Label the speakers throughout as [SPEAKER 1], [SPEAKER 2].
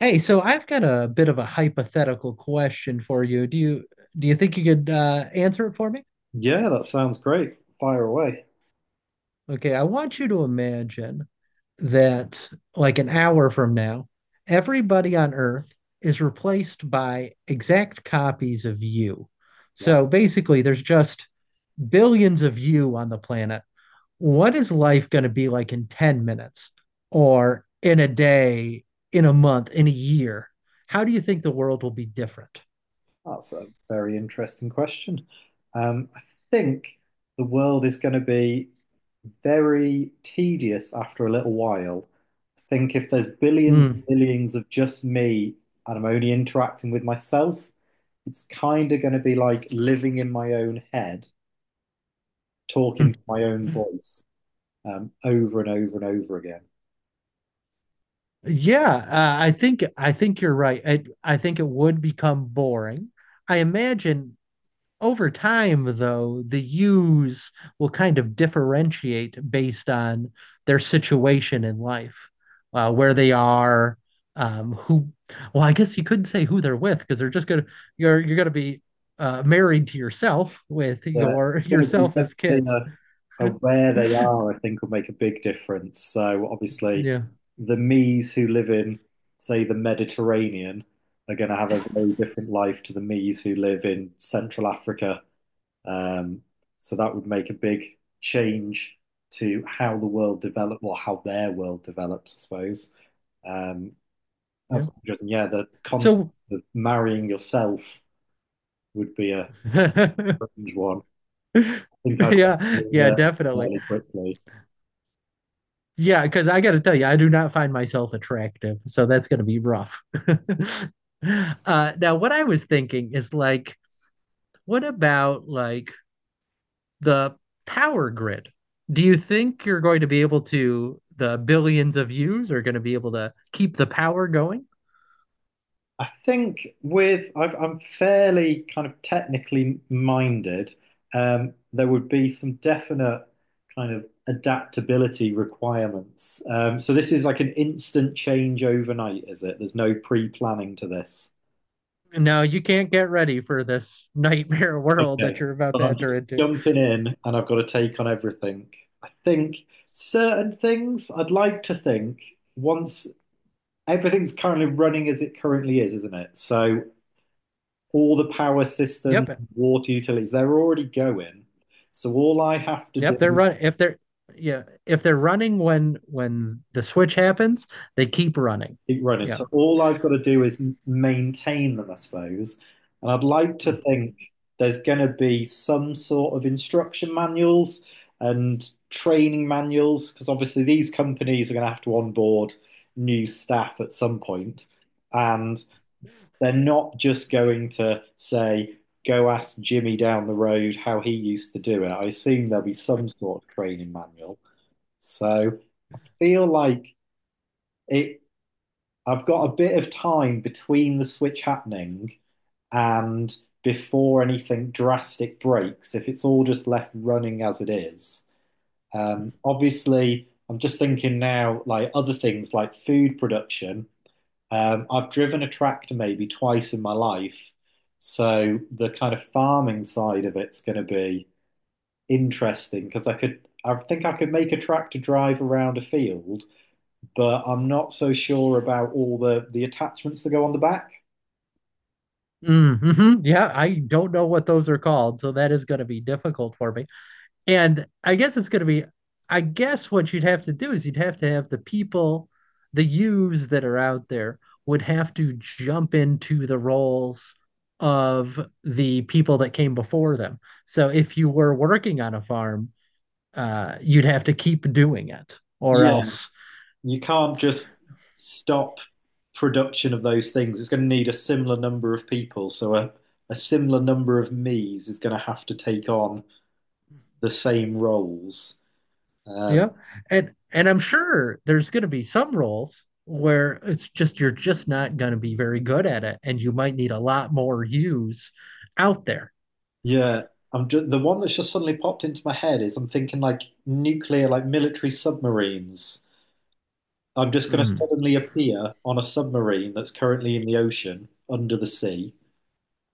[SPEAKER 1] Hey, so I've got a bit of a hypothetical question for you. Do you think you could answer it for me?
[SPEAKER 2] Yeah, that sounds great. Fire away.
[SPEAKER 1] Okay, I want you to imagine that like an hour from now, everybody on Earth is replaced by exact copies of you.
[SPEAKER 2] Yeah,
[SPEAKER 1] So basically, there's just billions of you on the planet. What is life going to be like in 10 minutes or in a day, in a month, in a year? How do you think the world will be different?
[SPEAKER 2] that's a very interesting question. I think the world is going to be very tedious after a little while. I think if there's billions and
[SPEAKER 1] Hmm.
[SPEAKER 2] billions of just me and I'm only interacting with myself, it's kind of going to be like living in my own head,
[SPEAKER 1] Hmm.
[SPEAKER 2] talking to my own voice over and over and over again.
[SPEAKER 1] Yeah, I think you're right. I think it would become boring. I imagine over time, though, the U's will kind of differentiate based on their situation in life, where they are, who. Well, I guess you couldn't say who they're with because they're just gonna you're gonna be married to yourself with
[SPEAKER 2] Yeah,
[SPEAKER 1] your
[SPEAKER 2] it's gonna be
[SPEAKER 1] yourself as
[SPEAKER 2] definitely
[SPEAKER 1] kids.
[SPEAKER 2] where they are, I think, will make a big difference. So obviously,
[SPEAKER 1] Yeah,
[SPEAKER 2] the me's who live in, say, the Mediterranean are going to have a very different life to the me's who live in Central Africa. Um, so that would make a big change to how the world develops, or how their world develops, I suppose. Um,
[SPEAKER 1] yeah.
[SPEAKER 2] that's interesting. Yeah, the concept
[SPEAKER 1] So.
[SPEAKER 2] of marrying yourself would be a strange one think I'd
[SPEAKER 1] Yeah, yeah,
[SPEAKER 2] learn
[SPEAKER 1] definitely.
[SPEAKER 2] fairly quickly.
[SPEAKER 1] Yeah, because I got to tell you, I do not find myself attractive, so that's going to be rough. Now, what I was thinking is like, what about like the power grid. Do you think you're going to be able to, the billions of views are going to be able to keep the power going?
[SPEAKER 2] I think with I've, I'm fairly kind of technically minded. There would be some definite kind of adaptability requirements. So this is like an instant change overnight, is it? There's no pre-planning to this.
[SPEAKER 1] No, you can't get ready for this nightmare world
[SPEAKER 2] Okay,
[SPEAKER 1] that you're about
[SPEAKER 2] so
[SPEAKER 1] to
[SPEAKER 2] I'm
[SPEAKER 1] enter
[SPEAKER 2] just
[SPEAKER 1] into.
[SPEAKER 2] jumping in, and I've got a take on everything. I think certain things I'd like to think once everything's currently running as it currently is, isn't it? So all the power systems,
[SPEAKER 1] Yep.
[SPEAKER 2] water utilities, they're already going. So all I have to do
[SPEAKER 1] Yep, they're
[SPEAKER 2] is
[SPEAKER 1] running. If they're, yeah, if they're running when the switch happens, they keep running.
[SPEAKER 2] keep running.
[SPEAKER 1] Yeah.
[SPEAKER 2] So all I've got to do is maintain them, I suppose. And I'd like to think there's going to be some sort of instruction manuals and training manuals, because obviously these companies are going to have to onboard new staff at some point. And they're not just going to say, go ask Jimmy down the road how he used to do it. I assume there'll be some sort of training manual. So feel like it I've got a bit of time between the switch happening and before anything drastic breaks, if it's all just left running as it is. Obviously, I'm just thinking now, like other things like food production. I've driven a tractor maybe twice in my life, so the kind of farming side of it's going to be interesting because I could, I think I could make a tractor drive around a field, but I'm not so sure about all the attachments that go on the back.
[SPEAKER 1] Mm-hmm. Yeah, I don't know what those are called, so that is going to be difficult for me. And I guess it's going to be, I guess what you'd have to do is you'd have to have the people, the yous that are out there would have to jump into the roles of the people that came before them. So if you were working on a farm, you'd have to keep doing it or
[SPEAKER 2] Yeah.
[SPEAKER 1] else
[SPEAKER 2] You can't just stop production of those things. It's going to need a similar number of people, so a similar number of me's is going to have to take on the same roles.
[SPEAKER 1] yeah. You
[SPEAKER 2] Um,
[SPEAKER 1] know? And I'm sure there's going to be some roles where it's just you're just not going to be very good at it, and you might need a lot more use out there.
[SPEAKER 2] Yeah, I'm just, the one that's just suddenly popped into my head is I'm thinking like nuclear, like military submarines. I'm just going to
[SPEAKER 1] Mm.
[SPEAKER 2] suddenly appear on a submarine that's currently in the ocean under the sea,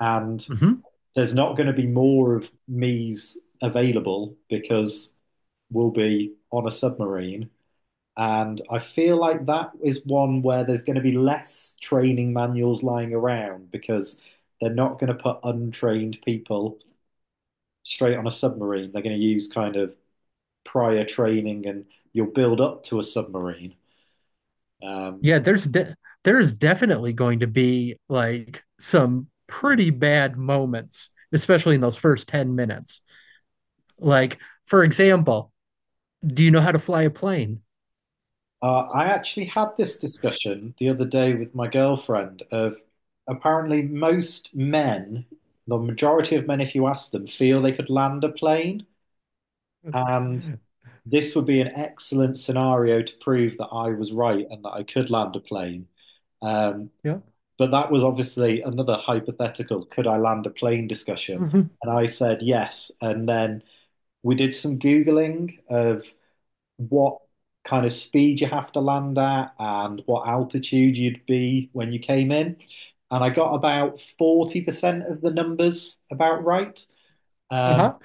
[SPEAKER 2] and
[SPEAKER 1] Hmm.
[SPEAKER 2] there's not going to be more of me's available because we'll be on a submarine. And I feel like that is one where there's going to be less training manuals lying around because they're not going to put untrained people straight on a submarine. They're going to use kind of prior training and you'll build up to a submarine. Um,
[SPEAKER 1] Yeah, there's definitely going to be like some pretty bad moments, especially in those first 10 minutes, like, for example, do you know how to fly a plane?
[SPEAKER 2] I actually had this discussion the other day with my girlfriend of apparently most men, the majority of men, if you ask them, feel they could land a plane. And this would be an excellent scenario to prove that I was right and that I could land a plane. Um,
[SPEAKER 1] Yeah.
[SPEAKER 2] but that was obviously another hypothetical, could I land a plane discussion?
[SPEAKER 1] Mhm.
[SPEAKER 2] And I said yes. And then we did some Googling of what kind of speed you have to land at and what altitude you'd be when you came in. And I got about 40% of the numbers about right. Um,
[SPEAKER 1] Uh-huh.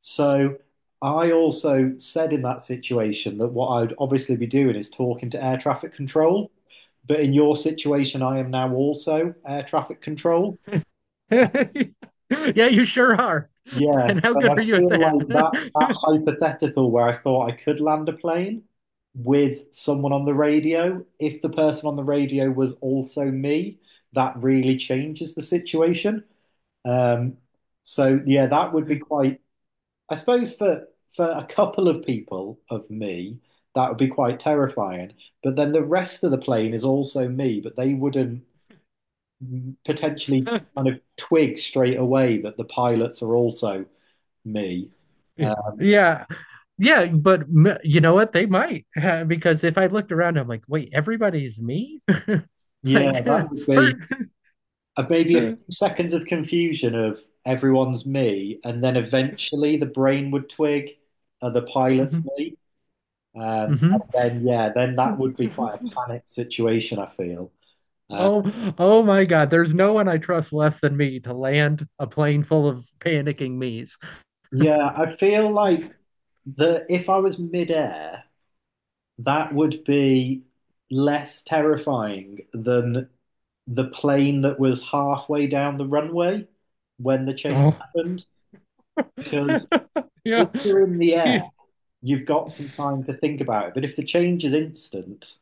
[SPEAKER 2] so I also said in that situation that what I'd obviously be doing is talking to air traffic control. But in your situation, I am now also air traffic control.
[SPEAKER 1] Yeah, you sure are.
[SPEAKER 2] Yeah,
[SPEAKER 1] And how
[SPEAKER 2] so I
[SPEAKER 1] good are you at
[SPEAKER 2] feel
[SPEAKER 1] that?
[SPEAKER 2] like that hypothetical where I thought I could land a plane with someone on the radio, if the person on the radio was also me, that really changes the situation. Um, so yeah, that would be quite, I suppose for a couple of people of me, that would be quite terrifying. But then the rest of the plane is also me, but they wouldn't potentially kind of twig straight away that the pilots are also me.
[SPEAKER 1] Yeah.
[SPEAKER 2] Uh,
[SPEAKER 1] Yeah. Yeah, but you know what? They might because if I looked around, I'm like, wait, everybody's me?
[SPEAKER 2] yeah,
[SPEAKER 1] Like,
[SPEAKER 2] that would be
[SPEAKER 1] for.
[SPEAKER 2] maybe a few seconds of confusion of everyone's me, and then eventually the brain would twig the pilot's
[SPEAKER 1] Mhm.
[SPEAKER 2] me.
[SPEAKER 1] Mhm.
[SPEAKER 2] And then, yeah, then that would be quite a panic situation, I feel. Uh,
[SPEAKER 1] Oh, oh my God. There's no one I trust less than me to land a plane full of panicking me's.
[SPEAKER 2] yeah, I feel like the if I was midair, that would be less terrifying than the plane that was halfway down the runway when the change
[SPEAKER 1] Oh,
[SPEAKER 2] happened because if
[SPEAKER 1] yeah.
[SPEAKER 2] you're in the air, you've got some time to think about it. But if the change is instant,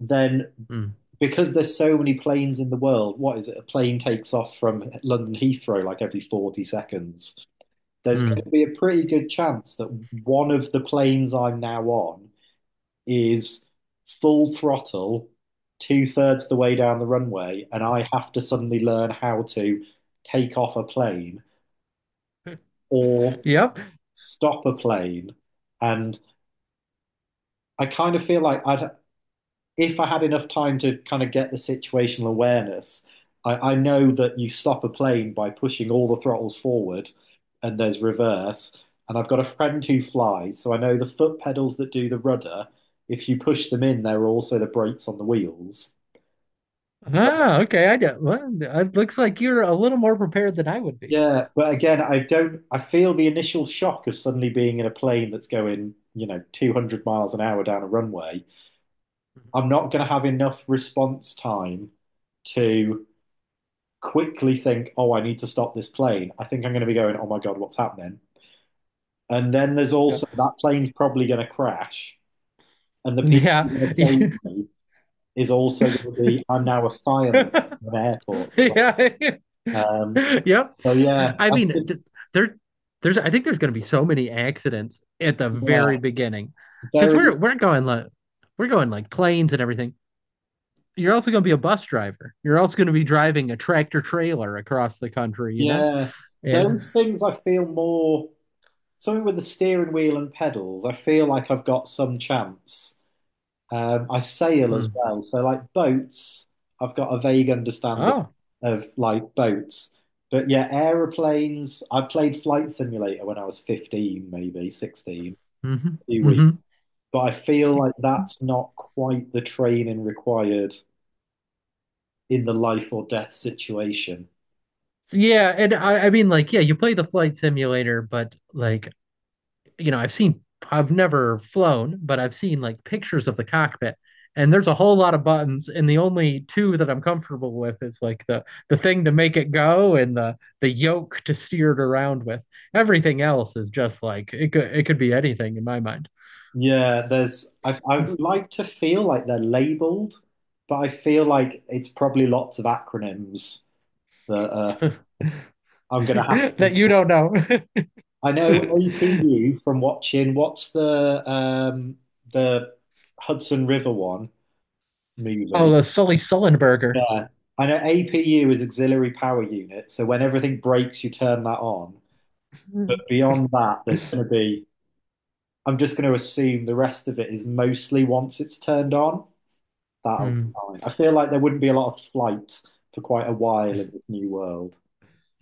[SPEAKER 2] then
[SPEAKER 1] Mm,
[SPEAKER 2] because there's so many planes in the world, what is it? A plane takes off from London Heathrow like every 40 seconds. There's going
[SPEAKER 1] mm.
[SPEAKER 2] to be a pretty good chance that one of the planes I'm now on is full throttle, two-thirds the way down the runway, and I have to suddenly learn how to take off a plane or
[SPEAKER 1] Yep.
[SPEAKER 2] stop a plane. And I kind of feel like I'd if I had enough time to kind of get the situational awareness, I know that you stop a plane by pushing all the throttles forward and there's reverse. And I've got a friend who flies, so I know the foot pedals that do the rudder, if you push them in, there are also the brakes on the wheels.
[SPEAKER 1] Ah, okay. I get. Well, it looks like you're a little more prepared than I would be.
[SPEAKER 2] Yeah, but again, I don't, I feel the initial shock of suddenly being in a plane that's going, you know, 200 miles an hour down a runway. I'm not going to have enough response time to quickly think, oh, I need to stop this plane. I think I'm going to be going, oh my God, what's happening? And then there's also that plane's probably going to crash. And the people who are
[SPEAKER 1] Yeah.
[SPEAKER 2] going to
[SPEAKER 1] Yeah.
[SPEAKER 2] save me is also going to be, I'm now a fireman at an airport.
[SPEAKER 1] yeah.
[SPEAKER 2] Um,
[SPEAKER 1] yep.
[SPEAKER 2] so yeah,
[SPEAKER 1] I
[SPEAKER 2] I
[SPEAKER 1] mean,
[SPEAKER 2] think,
[SPEAKER 1] there, there's. I think there's going to be so many accidents at the
[SPEAKER 2] yeah,
[SPEAKER 1] very beginning, because
[SPEAKER 2] very,
[SPEAKER 1] we're going like planes and everything. You're also going to be a bus driver. You're also going to be driving a tractor trailer across the country. You know,
[SPEAKER 2] yeah.
[SPEAKER 1] and
[SPEAKER 2] Those things I feel more, something with the steering wheel and pedals, I feel like I've got some chance. I sail as
[SPEAKER 1] mm.
[SPEAKER 2] well. So like boats, I've got a vague understanding
[SPEAKER 1] Oh,
[SPEAKER 2] of like boats. But yeah, aeroplanes, I played Flight Simulator when I was 15, maybe 16,
[SPEAKER 1] hmm.
[SPEAKER 2] a few weeks.
[SPEAKER 1] Hmm.
[SPEAKER 2] But I feel like that's not quite the training required in the life or death situation.
[SPEAKER 1] Yeah, I mean, like, yeah, you play the flight simulator, but like, you know, I've never flown, but I've seen like pictures of the cockpit, and there's a whole lot of buttons, and the only two that I'm comfortable with is like the thing to make it go and the yoke to steer it around with. Everything else is just like it could be anything in my mind.
[SPEAKER 2] Yeah, there's I would like to feel like they're labeled, but I feel like it's probably lots of acronyms that I'm gonna have to
[SPEAKER 1] That you don't know.
[SPEAKER 2] I know OPU from watching what's the Hudson River one
[SPEAKER 1] Oh,
[SPEAKER 2] movie.
[SPEAKER 1] the Sully Sullenberger.
[SPEAKER 2] Yeah. I know APU is auxiliary power unit, so when everything breaks, you turn that on. But beyond that, there's going to be, I'm just going to assume the rest of it is mostly once it's turned on, that'll
[SPEAKER 1] Hmm.
[SPEAKER 2] be fine. I feel like there wouldn't be a lot of flight for quite a while in this new world.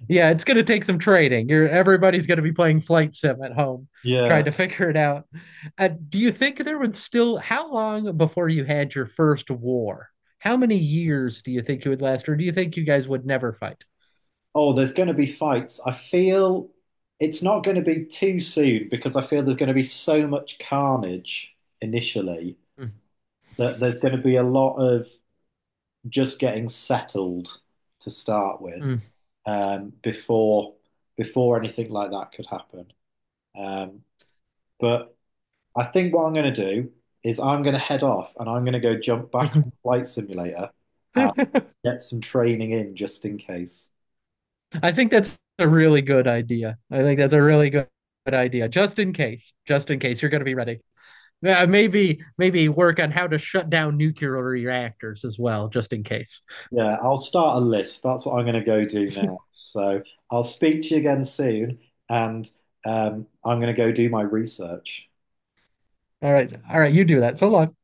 [SPEAKER 1] Yeah, it's going to take some training. You're, everybody's going to be playing flight sim at home, trying
[SPEAKER 2] Yeah.
[SPEAKER 1] to figure it out. Do you think there would still, how long before you had your first war? How many years do you think it would last, or do you think you guys would never fight?
[SPEAKER 2] Oh, there's going to be fights. I feel it's not going to be too soon because I feel there's going to be so much carnage initially
[SPEAKER 1] Mm,
[SPEAKER 2] that there's going to be a lot of just getting settled to start with
[SPEAKER 1] mm,
[SPEAKER 2] before anything like that could happen. Um, but I think what I'm going to do is I'm going to head off and I'm going to go jump back on
[SPEAKER 1] mhm.
[SPEAKER 2] Flight Simulator and get some training in just in case.
[SPEAKER 1] I think that's a really good idea. I think that's a really good, good idea. Just in case you're going to be ready. Maybe maybe work on how to shut down nuclear reactors as well, just in case.
[SPEAKER 2] Yeah, I'll start a list. That's what I'm going to go do now. So I'll speak to you again soon, and I'm going to go do my research.
[SPEAKER 1] All right, you do that. So long.